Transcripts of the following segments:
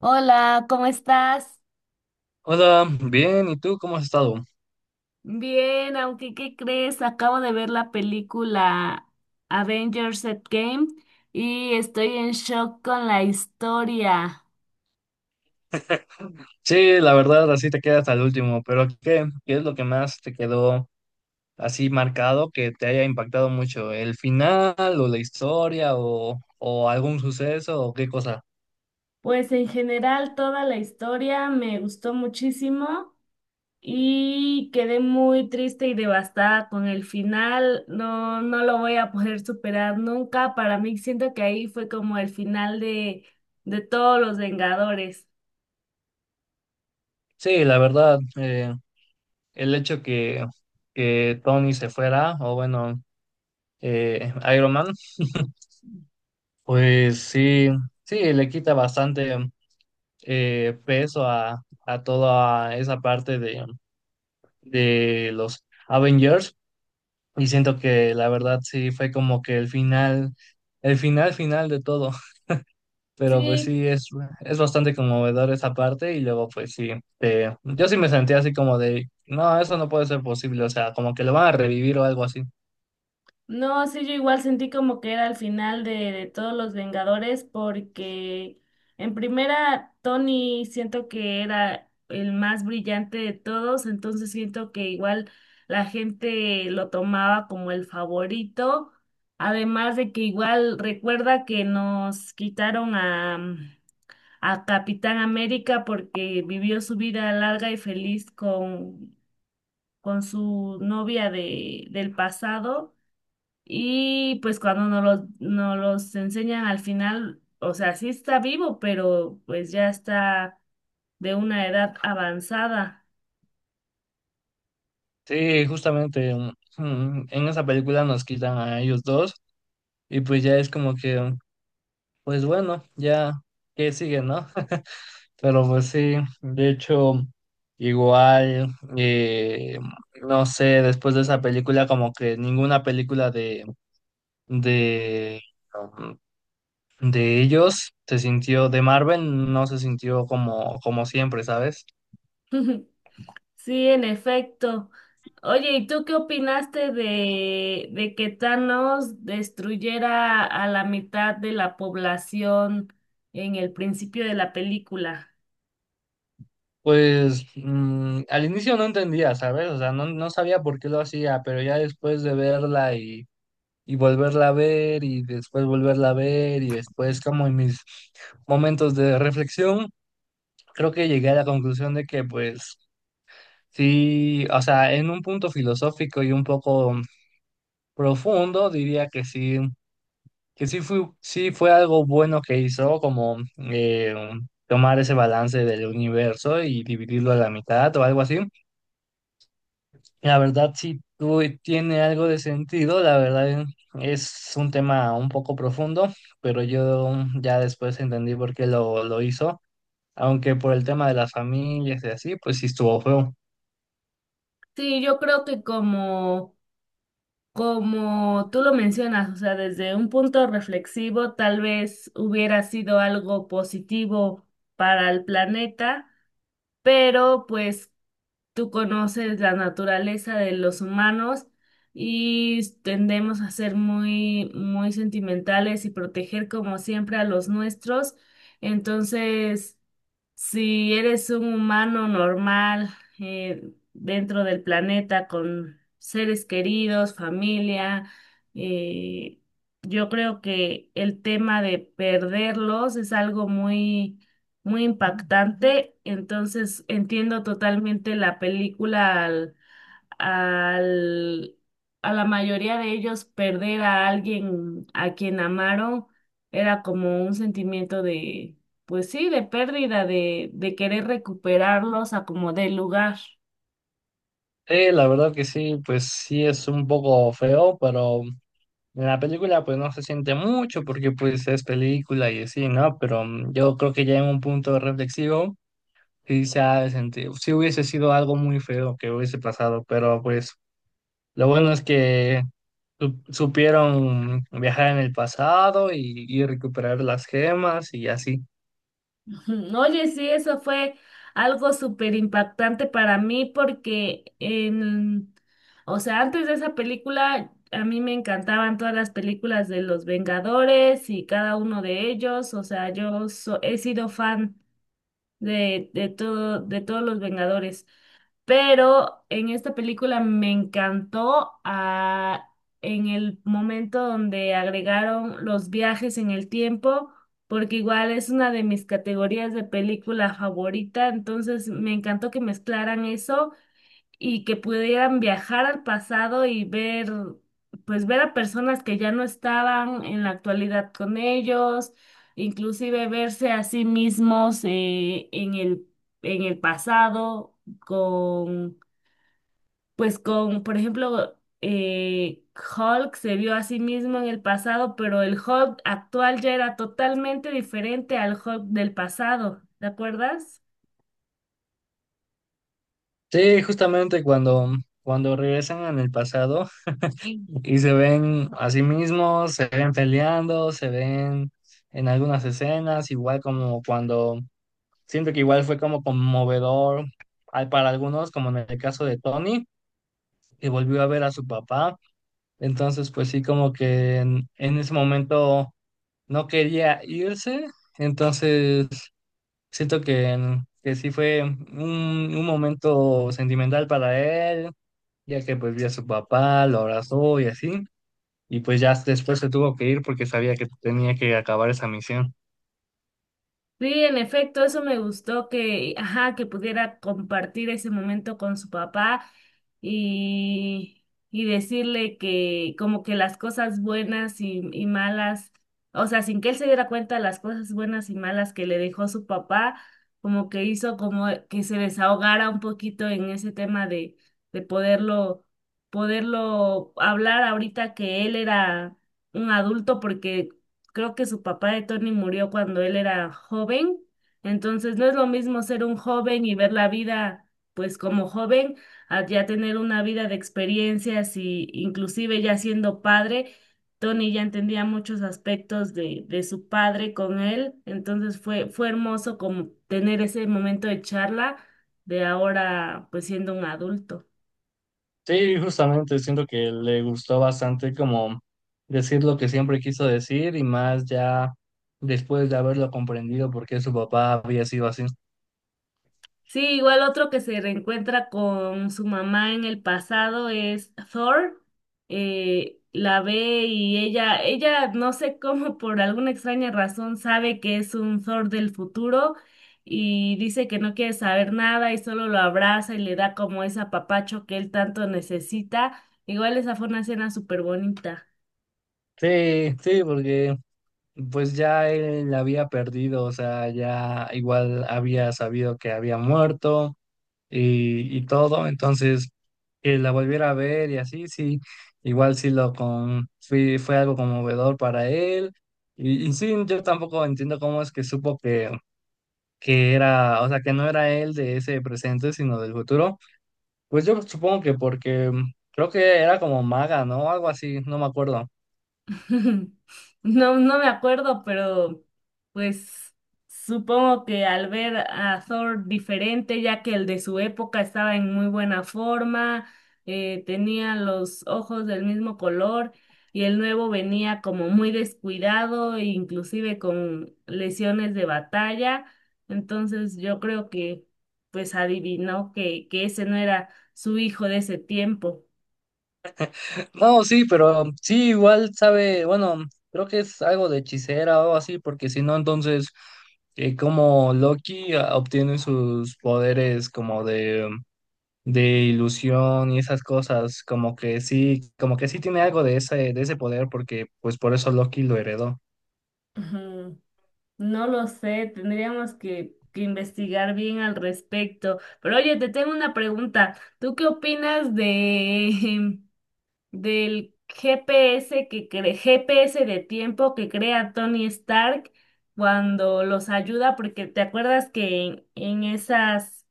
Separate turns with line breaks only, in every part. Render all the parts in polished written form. Hola, ¿cómo estás?
Hola, bien, ¿y tú cómo has estado?
Bien, aunque ¿qué crees? Acabo de ver la película Avengers Endgame y estoy en shock con la historia.
Sí, la verdad, así te quedas al último, pero ¿qué es lo que más te quedó así marcado que te haya impactado mucho? ¿El final o la historia o algún suceso o qué cosa?
Pues en general toda la historia me gustó muchísimo y quedé muy triste y devastada con el final. No, no lo voy a poder superar nunca. Para mí siento que ahí fue como el final de todos los Vengadores.
Sí, la verdad, el hecho que Tony se fuera, o bueno, Iron Man, pues sí, sí, le quita bastante peso a toda esa parte de los Avengers. Y siento que la verdad sí fue como que el final final de todo. Pero pues
Sí,
sí, es bastante conmovedor esa parte. Y luego pues sí, yo sí me sentí así como de, no, eso no puede ser posible. O sea, como que lo van a revivir o algo así.
no, sí, yo igual sentí como que era el final de todos los Vengadores porque en primera Tony siento que era el más brillante de todos, entonces siento que igual la gente lo tomaba como el favorito, además de que igual recuerda que nos quitaron a Capitán América porque vivió su vida larga y feliz con su novia de, del pasado. Y pues cuando nos los enseñan al final, o sea, sí está vivo, pero pues ya está de una edad avanzada.
Sí, justamente en esa película nos quitan a ellos dos. Y pues ya es como que, pues bueno, ya, ¿qué sigue, no? Pero pues sí, de hecho, igual, eh, no sé, después de esa película, como que ninguna película de, um, de ellos se sintió, de Marvel no se sintió como siempre, ¿sabes?
Sí, en efecto. Oye, ¿y tú qué opinaste de que Thanos destruyera a la mitad de la población en el principio de la película?
Pues al inicio no entendía, ¿sabes? O sea, no, no sabía por qué lo hacía, pero ya después de verla y volverla a ver y después volverla a ver y después como en mis momentos de reflexión creo que llegué a la conclusión de que, pues, sí, o sea, en un punto filosófico y un poco profundo, diría que sí, que sí fue algo bueno que hizo, como tomar ese balance del universo y dividirlo a la mitad o algo así. La verdad, sí tiene algo de sentido, la verdad es un tema un poco profundo, pero yo ya después entendí por qué lo hizo, aunque por el tema de las familias y así, pues sí estuvo feo.
Sí, yo creo que como como tú lo mencionas, o sea, desde un punto reflexivo, tal vez hubiera sido algo positivo para el planeta, pero pues tú conoces la naturaleza de los humanos y tendemos a ser muy, muy sentimentales y proteger como siempre a los nuestros. Entonces, si eres un humano normal eh, dentro del planeta con seres queridos, familia, eh, yo creo que el tema de perderlos es algo muy, muy impactante. Entonces entiendo totalmente la película al, a la mayoría de ellos perder a alguien a quien amaron era como un sentimiento de, pues sí, de pérdida, de querer recuperarlos a como del lugar.
Sí, la verdad que sí, pues sí es un poco feo, pero en la película pues no se siente mucho porque pues es película y así, ¿no? Pero yo creo que ya en un punto reflexivo sí se ha de sentir, sí hubiese sido algo muy feo que hubiese pasado, pero pues lo bueno es que supieron viajar en el pasado y recuperar las gemas y así.
Ujú. Oye, sí, eso fue algo súper impactante para mí porque en, o sea, antes de esa película a mí me encantaban todas las películas de los Vengadores y cada uno de ellos, o sea, yo so- he sido fan de todo, de todos los Vengadores. Pero en esta película me encantó en el momento donde agregaron los viajes en el tiempo, porque igual es una de mis categorías de película favorita, entonces me encantó que mezclaran eso y que pudieran viajar al pasado y ver, pues ver a personas que ya no estaban en la actualidad con ellos, inclusive verse a sí mismos en el pasado con, pues con, por ejemplo, eh, Hulk se vio a sí mismo en el pasado, pero el Hulk actual ya era totalmente diferente al Hulk del pasado, ¿te acuerdas?
Sí, justamente cuando regresan en el pasado. Y se ven a sí mismos, se ven peleando, se ven en algunas escenas, igual como siento que igual fue como conmovedor para algunos, como en el caso de Tony, que volvió a ver a su papá. Entonces, pues sí, como que en ese momento no quería irse. Entonces, siento que sí fue un momento sentimental para él, ya que pues vio a su papá, lo abrazó y así y pues ya después se tuvo que ir porque sabía que tenía que acabar esa misión.
Sí, en efecto, eso me gustó que, ajá, que pudiera compartir ese momento con su papá y, y decirle que como que las cosas buenas y malas, o sea, sin que él se diera cuenta de las cosas buenas y malas que le dejó su papá, como que hizo como que se desahogara un poquito en ese tema de poderlo, poderlo hablar ahorita que él era un adulto porque creo que su papá de Tony murió cuando él era joven, entonces no es lo mismo ser un joven y ver la vida pues como joven, a ya tener una vida de experiencias y inclusive ya siendo padre, Tony ya entendía muchos aspectos de su padre con él, entonces fue, fue hermoso como tener ese momento de charla de ahora pues siendo un adulto.
Sí, justamente siento que le gustó bastante como decir lo que siempre quiso decir y más ya después de haberlo comprendido por qué su papá había sido así.
Sí, igual otro que se reencuentra con su mamá en el pasado es Thor. La ve y ella no sé cómo, por alguna extraña razón, sabe que es un Thor del futuro y dice que no quiere saber nada y solo lo abraza y le da como ese apapacho que él tanto necesita. Igual esa fue una escena súper bonita.
Sí, sí, porque pues ya él la había perdido, o sea, ya igual había sabido que había muerto. Y todo, entonces que la volviera a ver y así, sí, igual sí fue algo conmovedor para él. Y sí, yo tampoco entiendo cómo es que supo que era, o sea, que no era él de ese presente, sino del futuro. Pues yo supongo que porque creo que era como maga, ¿no? Algo así, no me acuerdo.
No, no me acuerdo, pero pues supongo que al ver a Thor diferente, ya que el de su época estaba en muy buena forma, tenía los ojos del mismo color y el nuevo venía como muy descuidado, e inclusive con lesiones de batalla. Entonces yo creo que pues adivinó que ese no era su hijo de ese tiempo.
No, sí, pero sí, igual sabe, bueno, creo que es algo de hechicera o algo así, porque si no, entonces, como Loki ah, obtiene sus poderes como de ilusión y esas cosas, como que sí tiene algo de ese, poder, porque pues por eso Loki lo heredó.
Ujú. No lo sé, tendríamos que investigar bien al respecto. Pero oye, te tengo una pregunta. ¿Tú qué opinas de del GPS GPS de tiempo que crea Tony Stark cuando los ayuda? Porque te acuerdas que en esas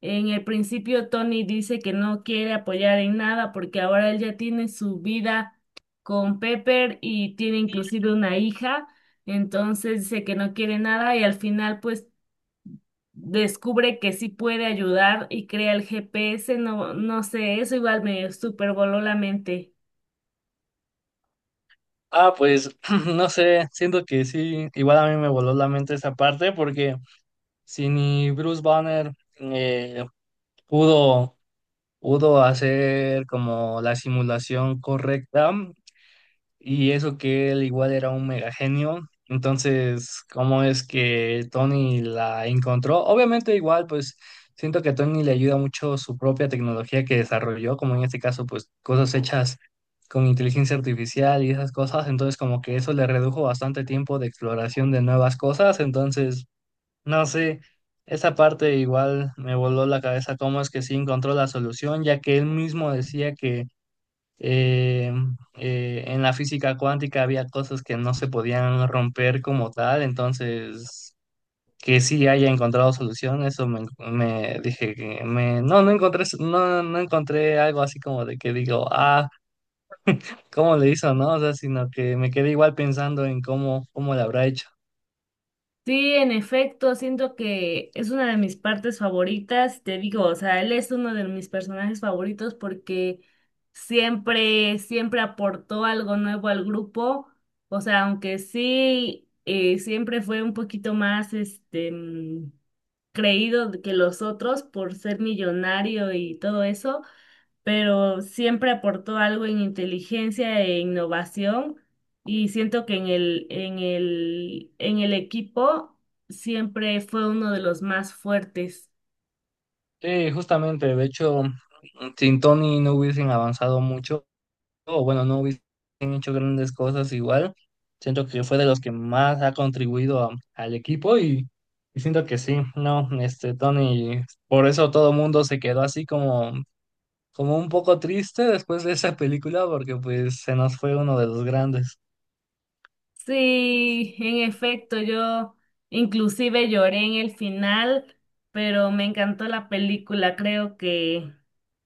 en el principio, Tony dice que no quiere apoyar en nada porque ahora él ya tiene su vida con Pepper y tiene inclusive una hija, entonces dice que no quiere nada y al final pues descubre que sí puede ayudar y crea el GPS, no, no sé, eso igual me super voló la mente.
Ah, pues no sé, siento que sí, igual a mí me voló la mente esa parte, porque si ni Bruce Banner eh, pudo. pudo hacer como la simulación correcta y eso que él igual era un mega genio. Entonces, ¿cómo es que Tony la encontró? Obviamente igual, pues siento que a Tony le ayuda mucho su propia tecnología que desarrolló, como en este caso, pues cosas hechas con inteligencia artificial y esas cosas. Entonces, como que eso le redujo bastante tiempo de exploración de nuevas cosas. Entonces. No sé, esa parte igual me voló la cabeza, cómo es que sí encontró la solución, ya que él mismo decía que eh, en la física cuántica había cosas que no se podían romper como tal, entonces que sí haya encontrado solución, eso me dije que no, no encontré algo así como de que digo, ah, ¿cómo le hizo, no? O sea, sino que me quedé igual pensando en cómo le habrá hecho.
Sí, en efecto, siento que es una de mis partes favoritas, te digo, o sea, él es uno de mis personajes favoritos porque siempre, siempre aportó algo nuevo al grupo, o sea, aunque sí, siempre fue un poquito más, este, mm, creído que los otros por ser millonario y todo eso, pero siempre aportó algo en inteligencia e innovación y siento que en el, en el, en el equipo siempre fue uno de los más fuertes.
Sí, justamente, de hecho, sin Tony no hubiesen avanzado mucho, o bueno, no hubiesen hecho grandes cosas igual. Siento que fue de los que más ha contribuido al equipo y siento que sí, no, este Tony, por eso todo el mundo se quedó así como un poco triste después de esa película, porque pues se nos fue uno de los grandes.
Sí, en efecto, yo inclusive lloré en el final, pero me encantó la película,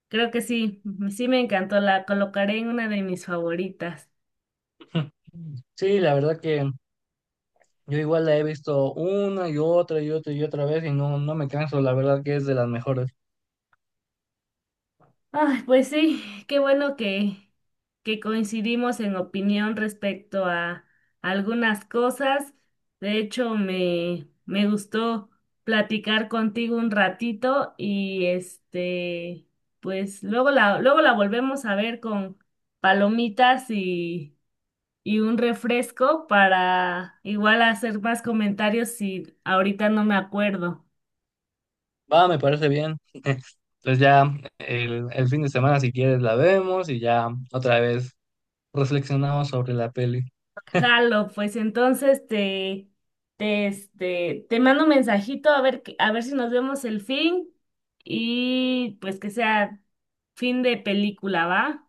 creo que sí, sí me encantó, la colocaré en una de mis favoritas.
Sí, la verdad que yo igual la he visto una y otra y otra y otra vez y no, no me canso, la verdad que es de las mejores.
Ay, pues sí, qué bueno que coincidimos en opinión respecto a algunas cosas. De hecho, me gustó platicar contigo un ratito y este, pues luego la volvemos a ver con palomitas y un refresco para igual hacer más comentarios si ahorita no me acuerdo.
Va, me parece bien. Entonces ya el fin de semana, si quieres, la vemos y ya otra vez reflexionamos sobre la peli.
Jalo, pues entonces te, este, te mando un mensajito a ver, que- a ver si nos vemos el fin y pues que sea fin de película, ¿va?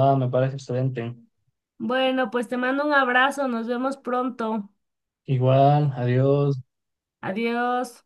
Va, me parece excelente.
Bueno, pues te mando un abrazo, nos vemos pronto.
Igual, adiós.
Adiós.